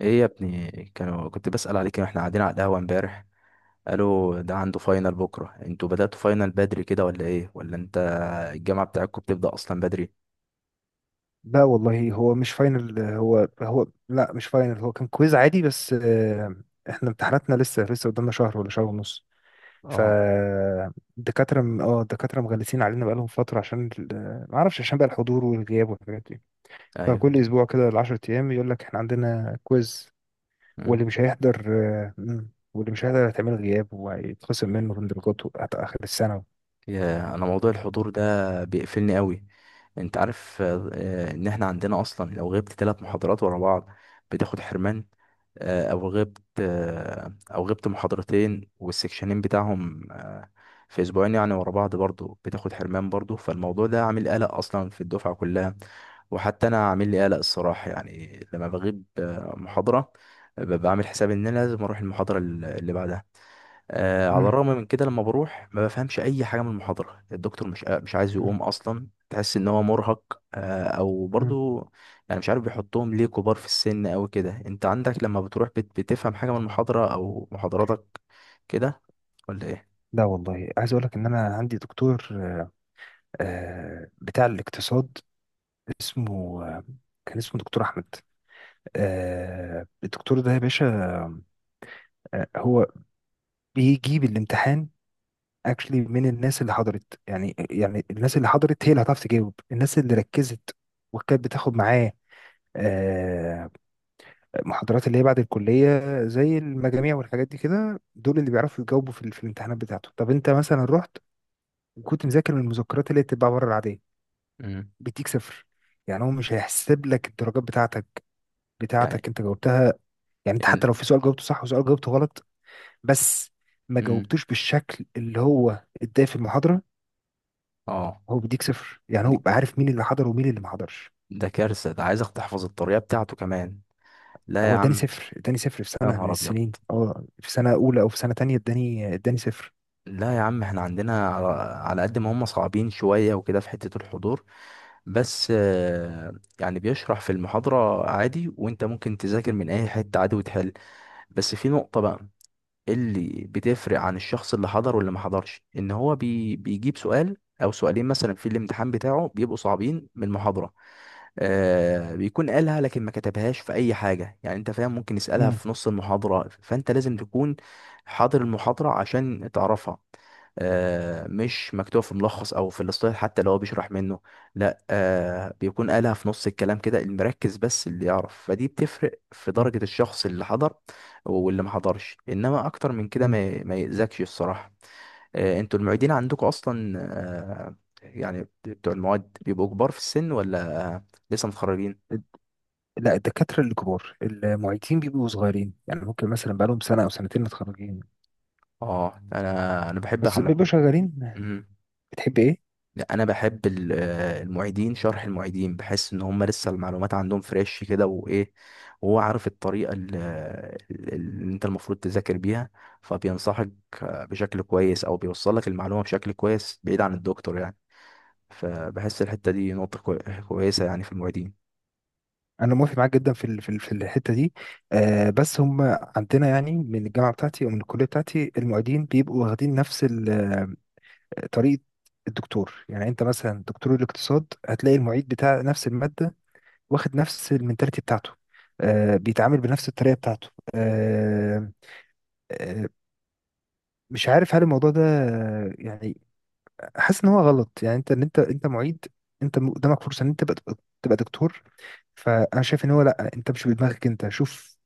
ايه يا ابني، كنت بسأل عليك واحنا قاعدين على القهوة امبارح. قالوا ده عنده فاينل بكرة. انتوا بدأتوا فاينل بدري كده ولا ايه؟ ولا انت الجامعة بتاعتكم بتبدأ اصلا بدري؟ لا والله، هو مش فاينل. هو كان كويز عادي، بس احنا امتحاناتنا لسه قدامنا شهر ولا شهر ونص. اه. فالدكاترة الدكاترة مغلسين علينا بقالهم فترة، عشان ما اعرفش، عشان بقى الحضور والغياب والحاجات دي. ايوه. فكل اسبوع كده 10 ايام يقول لك احنا عندنا كويز. مم. واللي مش هيحضر هيتعمل غياب، وهيتخصم منه من درجاته حتى اخر السنة. يا، انا موضوع الحضور ده بيقفلني قوي. انت عارف ان احنا عندنا اصلا لو غبت ثلاث محاضرات ورا بعض بتاخد حرمان. او غبت محاضرتين والسكشنين بتاعهم في اسبوعين يعني ورا بعض برضو، بتاخد حرمان برضو. فالموضوع ده عامل قلق اصلا في الدفعه كلها، وحتى انا عامل لي قلق الصراحه، يعني لما بغيب محاضره، ببقى عامل حساب ان انا لازم اروح المحاضره اللي بعدها. على مم، الرغم من كده، لما بروح ما بفهمش اي حاجه من المحاضره. الدكتور مش عايز مم، يقوم اصلا، تحس ان هو مرهق او مم. برضو. يعني مش عارف بيحطهم ليه كبار في السن او كده. انت عندك لما بتروح بتفهم حاجه من المحاضره او محاضراتك كده ولا ايه؟ لا والله، عايز اقول لك ان انا عندي دكتور، بتاع الاقتصاد. اسمه كان اسمه دكتور احمد. الدكتور ده يا باشا، هو بيجيب الامتحان اكشلي من الناس اللي حضرت. يعني الناس اللي حضرت هي اللي هتعرف تجاوب، الناس اللي ركزت وكانت بتاخد معاه آه محاضرات اللي هي بعد الكلية، زي المجاميع والحاجات دي كده. دول اللي بيعرفوا يجاوبوا في الامتحانات بتاعته. طب انت مثلا رحت وكنت مذاكر من المذكرات اللي هي بتتباع بره العادية، امم. بيديك صفر. يعني هو مش هيحسب لك الدرجات بتاعتك يعني بتاعتك انت جاوبتها. يعني انت حتى يعني لو في سؤال جاوبته صح وسؤال جاوبته غلط، بس ما امم. جاوبتوش بالشكل اللي هو اداه في المحاضرة، اه. هو بيديك صفر. يعني هو دي- بقى عارف مين اللي حضر ومين اللي ما حضرش. ده كارثه، ده عايزك تحفظ الطريقه بتاعته كمان. لا هو يا اداني عم. صفر، اداني صفر في يا سنة من نهار ابيض. السنين، في سنة أولى أو في سنة تانية اداني صفر. لا يا عم، احنا عندنا، على قد ما هم صعبين شوية وكده في حتة الحضور. بس، يعني بيشرح في المحاضرة عادي، وانت ممكن تذاكر من اي حتة عادي وتحل. بس في نقطة بقى اللي بتفرق عن الشخص اللي حضر واللي ما حضرش، ان هو بيجيب سؤال او سؤالين مثلا في الامتحان بتاعه بيبقوا صعبين من المحاضرة. بيكون قالها لكن ما كتبهاش في اي حاجة يعني، انت فاهم؟ ممكن يسألها امم، في نص المحاضرة فانت لازم تكون حاضر المحاضرة عشان تعرفها. مش مكتوب في ملخص او في الاصطلاح حتى لو هو بيشرح منه. لا، بيكون قالها في نص الكلام كده، المركز بس اللي يعرف، فدي بتفرق في درجة الشخص اللي حضر واللي ما حضرش. انما اكتر من كده امم. ما يأذكش الصراحه. انتوا المعيدين عندكم اصلا، آه، يعني بتوع المواد بيبقوا كبار في السن ولا لسه متخرجين؟ لا، الدكاترة اللي كبار المعيدين بيبقوا صغيرين. يعني ممكن مثلا بقالهم سنة أو سنتين متخرجين، اه، انا بحب بس بيبقوا حلقة. شغالين. مم. بتحب إيه؟ لا، انا بحب المعيدين. شرح المعيدين بحس ان هم لسه المعلومات عندهم فريش كده وايه، وهو عارف الطريقه اللي انت المفروض تذاكر بيها، فبينصحك بشكل كويس، او بيوصل لك المعلومه بشكل كويس بعيد عن الدكتور يعني. فبحس الحتة دي نقطة كويسة يعني في المعيدين. انا موافق معاك جدا في الحته دي. بس هم عندنا، يعني من الجامعه بتاعتي او من الكليه بتاعتي، المعيدين بيبقوا واخدين نفس طريقه الدكتور. يعني انت مثلا دكتور الاقتصاد هتلاقي المعيد بتاع نفس الماده واخد نفس المنتاليتي بتاعته، بيتعامل بنفس الطريقه بتاعته. آه آه مش عارف هل الموضوع ده يعني حاسس ان هو غلط. يعني انت ان انت انت معيد، انت قدامك فرصه ان انت تبقى، تبقى دكتور. فانا شايف ان هو، لا، انت مش بدماغك انت، شوف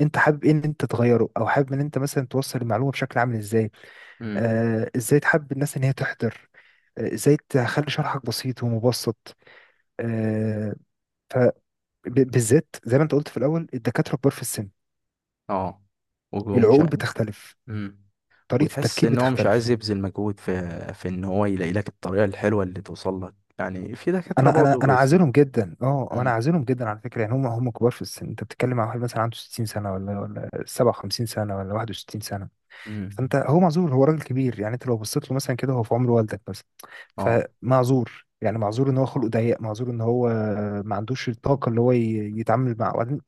انت حابب ايه، ان انت تغيره، او حابب ان انت مثلا توصل المعلومه بشكل عامل ازاي. امم. ازاي تحب الناس ان هي تحضر، ازاي تخلي شرحك بسيط ومبسط. آه فبالذات زي ما انت قلت في الاول، الدكاتره كبار في السن، اه. ومش العقول ع- بتختلف، امم. طريقه وتحس التفكير ان هو مش بتختلف. عايز يبذل مجهود في ان هو يلاقي لك الطريقة الحلوة اللي توصل لك، يعني في دكاترة انا انا برضه انا كويسين. عازلهم جدا، انا امم. عازلهم جدا على فكره. يعني هم كبار في السن. انت بتتكلم مع واحد مثلا عنده 60 سنه، ولا 57 سنه، ولا 61. امم. فانت، هو معذور، هو راجل كبير. يعني انت لو بصيت له مثلا كده هو في عمر والدك مثلا، اه. فمعذور. يعني معذور ان هو خلقه ضيق، معذور ان هو ما عندوش الطاقه اللي هو يتعامل مع. وبعدين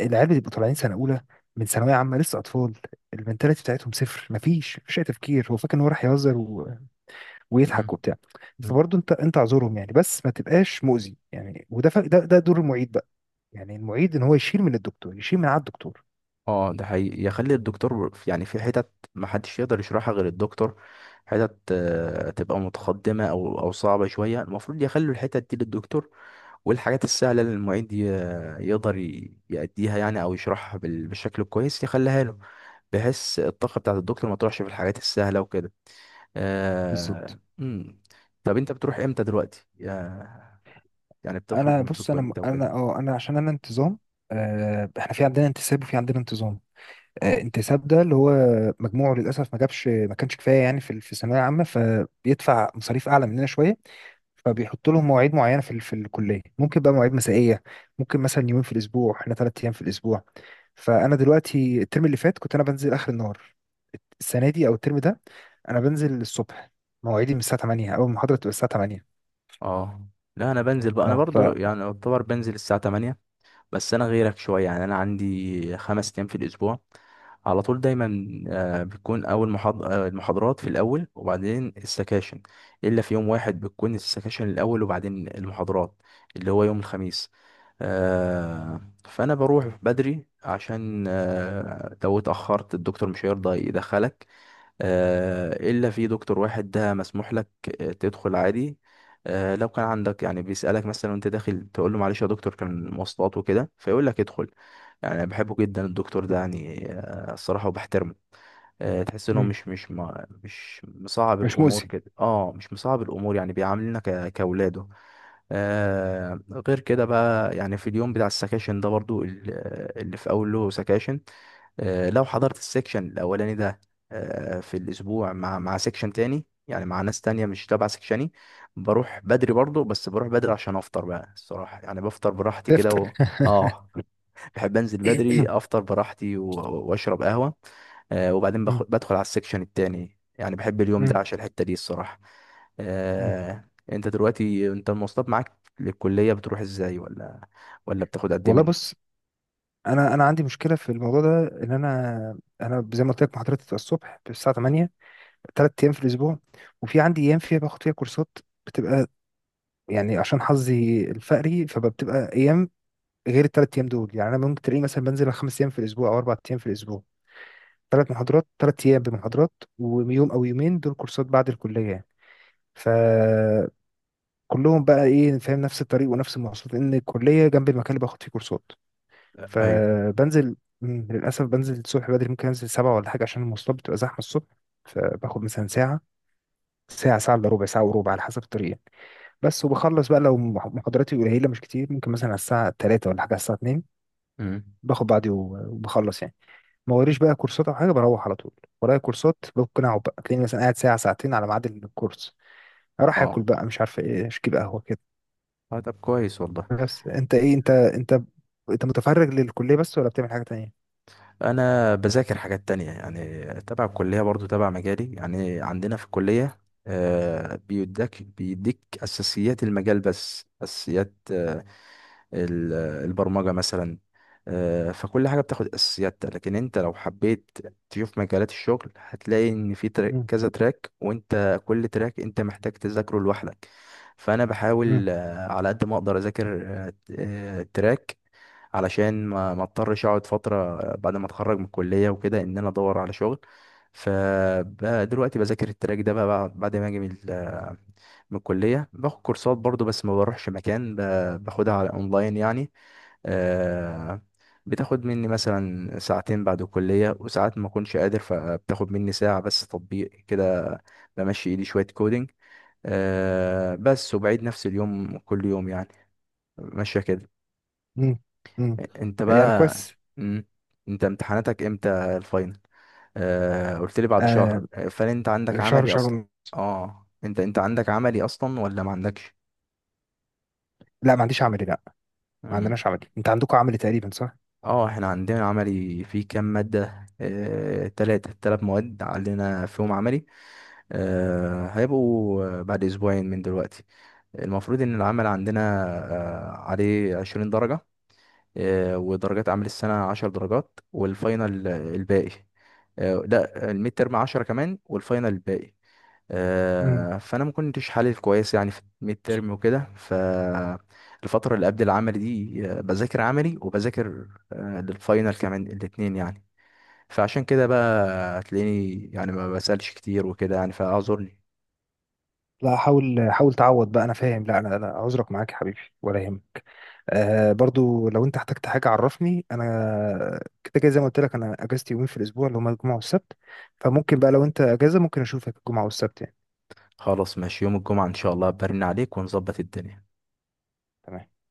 العيال بيبقوا طالعين سنه اولى من ثانويه عامه، لسه اطفال، المنتاليتي بتاعتهم صفر، مفيش اي تفكير، هو فاكر ان هو راح يهزر و... امم. ويضحك وبتاع. امم. فبرضه انت، اعذرهم يعني، بس ما تبقاش مؤذي. يعني وده ف... ده دور المعيد بقى. يعني المعيد ان هو يشيل من الدكتور، يشيل من على الدكتور. اه، ده حقيقي يخلي الدكتور يعني في حتت محدش يقدر يشرحها غير الدكتور. حتت تبقى متقدمة او صعبة شوية، المفروض يخلوا الحتت دي للدكتور. والحاجات السهلة اللي المعيد يقدر يأديها يعني، أو يشرحها بالشكل الكويس يخليها له، بحيث الطاقة بتاعة الدكتور ما تروحش في الحاجات السهلة وكده. بالظبط. مم. طب أنت بتروح إمتى دلوقتي؟ يعني بتخرج انا من بص، بيتكم انا إمتى وكده؟ انا اه انا عشان انا انتظام. احنا في عندنا انتساب وفي عندنا انتظام. اه. انتساب ده اللي هو مجموعه للاسف ما كانش كفايه يعني في الثانويه العامه، فبيدفع مصاريف اعلى مننا شويه. فبيحط لهم مواعيد معينه في الكليه، ممكن بقى مواعيد مسائيه، ممكن مثلا يومين في الاسبوع. احنا 3 ايام في الاسبوع. فانا دلوقتي الترم اللي فات كنت انا بنزل اخر النهار. السنه دي او الترم ده انا بنزل الصبح. مواعيدي من الساعه 8، اول محاضره بتبقى الساعه 8. اه. لا، أنا بنزل بقى، أنا اه ف برضو يعني أعتبر بنزل الساعة 8. بس انا غيرك شويه، يعني انا عندي 5 ايام في الاسبوع، على طول دايما بتكون اول المحاضرات في الاول وبعدين السكاشن، الا في يوم واحد بتكون السكاشن الاول وبعدين المحاضرات، اللي هو يوم الخميس. فانا بروح بدري عشان لو اتاخرت الدكتور مش هيرضى يدخلك. إلا في دكتور واحد ده مسموح لك تدخل عادي، لو كان عندك يعني بيسألك مثلا وانت داخل تقول له معلش يا دكتور كان مواصلات وكده فيقول لك ادخل. يعني أنا بحبه جدا الدكتور ده، يعني الصراحة، وبحترمه. تحس انه مم، مش مصعب مش الامور مؤذي، كده. اه، مش مصعب الامور يعني بيعاملنا كاولاده. آه. غير كده بقى يعني، في اليوم بتاع السكاشن ده برضو اللي في أول له سكاشن، لو حضرت السكشن الأولاني ده في الأسبوع، مع سكشن تاني يعني مع ناس تانية مش تبع سكشني، بروح بدري برضو. بس بروح بدري عشان أفطر بقى الصراحة، يعني بفطر براحتي كده تفتر و. اه. بحب انزل بدري افطر براحتي و. واشرب قهوة. وبعدين مم. بدخل على السكشن التاني، يعني بحب اليوم مم. ده عشان الحتة دي الصراحة. مم. انت دلوقتي، المواصلات معاك للكلية بتروح ازاي؟ ولا بتاخد قد ايه والله من. بص، انا عندي مشكله في الموضوع ده. ان انا زي ما قلت لك محاضرتي بتبقى الصبح الساعه 8، 3 ايام في الاسبوع، وفي عندي ايام فيها باخد فيها كورسات بتبقى، يعني عشان حظي الفقري، فبتبقى ايام غير الثلاث ايام دول. يعني انا ممكن تلاقيني مثلا بنزل 5 ايام في الاسبوع او 4 ايام في الاسبوع، 3 محاضرات، 3 ايام بمحاضرات، ويوم او يومين دول كورسات بعد الكليه يعني. ف كلهم بقى، ايه، فاهم، نفس الطريق ونفس المواصلات، لان الكليه جنب المكان اللي باخد فيه كورسات. ايوه. فبنزل، مم، للأسف بنزل الصبح بدري. ممكن أنزل 7 ولا حاجة عشان المواصلات بتبقى زحمة الصبح. فباخد مثلا ساعة، ساعة إلا ربع، ساعة وربع، على حسب الطريق يعني. بس وبخلص بقى لو محاضراتي قليلة مش كتير، ممكن مثلا على الساعة 3 ولا حاجة، على الساعة 2، امم. باخد بعضي وبخلص يعني. ما وريش بقى كورسات أو حاجة، بروح على طول. ورايا كورسات، ممكن أقعد بقى، تلاقيني مثلا قاعد ساعة، ساعتين، على ميعاد الكورس. أروح اه. آكل بقى، مش عارف إيه، أشكي بقى قهوة كده. طب كويس والله. بس أنت إيه، أنت أنت متفرغ للكلية بس، ولا بتعمل حاجة تانية؟ انا بذاكر حاجات تانية يعني، تبع الكلية برضو تبع مجالي، يعني عندنا في الكلية بيديك اساسيات المجال، بس اساسيات ال- البرمجة مثلا. فكل حاجة بتاخد أساسيات، لكن أنت لو حبيت تشوف مجالات الشغل هتلاقي إن في تراك كذا تراك، وأنت كل تراك أنت محتاج تذاكره لوحدك. فأنا مم. بحاول على قد ما أقدر أذاكر تراك، علشان ما اضطرش اقعد فترة بعد ما اتخرج من الكلية وكده، ان انا ادور على شغل. فدلوقتي بذاكر التراك ده بقى بعد ما اجي من من الكلية، باخد كورسات برضو بس ما بروحش مكان، باخدها على اونلاين يعني. آه، بتاخد مني مثلا ساعتين بعد الكلية، وساعات ما اكونش قادر فبتاخد مني ساعة بس تطبيق كده، بمشي ايدي شوية كودينج بس. وبعيد نفس اليوم كل يوم يعني، ماشية كده. مم. مم. انت يعني بقى. كويس. مم. انت امتحاناتك امتى الفاينل؟ قلت لي بعد آه شهر، فهل انت عندك شهر عملي شهر اصلا؟ ون- اه، انت عندك عملي اصلا ولا ما عندكش؟ لا ما عنديش عملي، لا. ما مم. عندناش عملي، انت عندكم عملي تقريبا صح؟ اه، احنا عندنا عملي في كام مادة؟ تلات مواد عندنا فيهم عملي. هيبقوا بعد أسبوعين من دلوقتي. المفروض إن العمل عندنا عليه 20 درجة، ودرجات عمل السنة 10 درجات والفاينل الباقي. لا، الميد ترم 10 كمان والفاينل الباقي. مم. فانا ما كنتش حالل كويس يعني في الميد ترم وكده، فالفتره اللي قبل العمل دي بذاكر عملي وبذاكر للفاينل كمان، الاتنين يعني. فعشان كده بقى هتلاقيني يعني ما بسالش كتير وكده، يعني فاعذرني. لا، حاول حاول تعوض بقى، انا فاهم. لا، انا عذرك معاك يا حبيبي، ولا يهمك. برضو لو انت احتجت حاجه عرفني، انا كده كده زي ما قلت لك انا اجازتي يومين في الاسبوع اللي هما الجمعه والسبت. فممكن بقى لو انت اجازه ممكن اشوفك الجمعه والسبت يعني. خلاص ماشي، يوم الجمعه ان شاء الله برن عليك ونظبط الدنيا. تمام.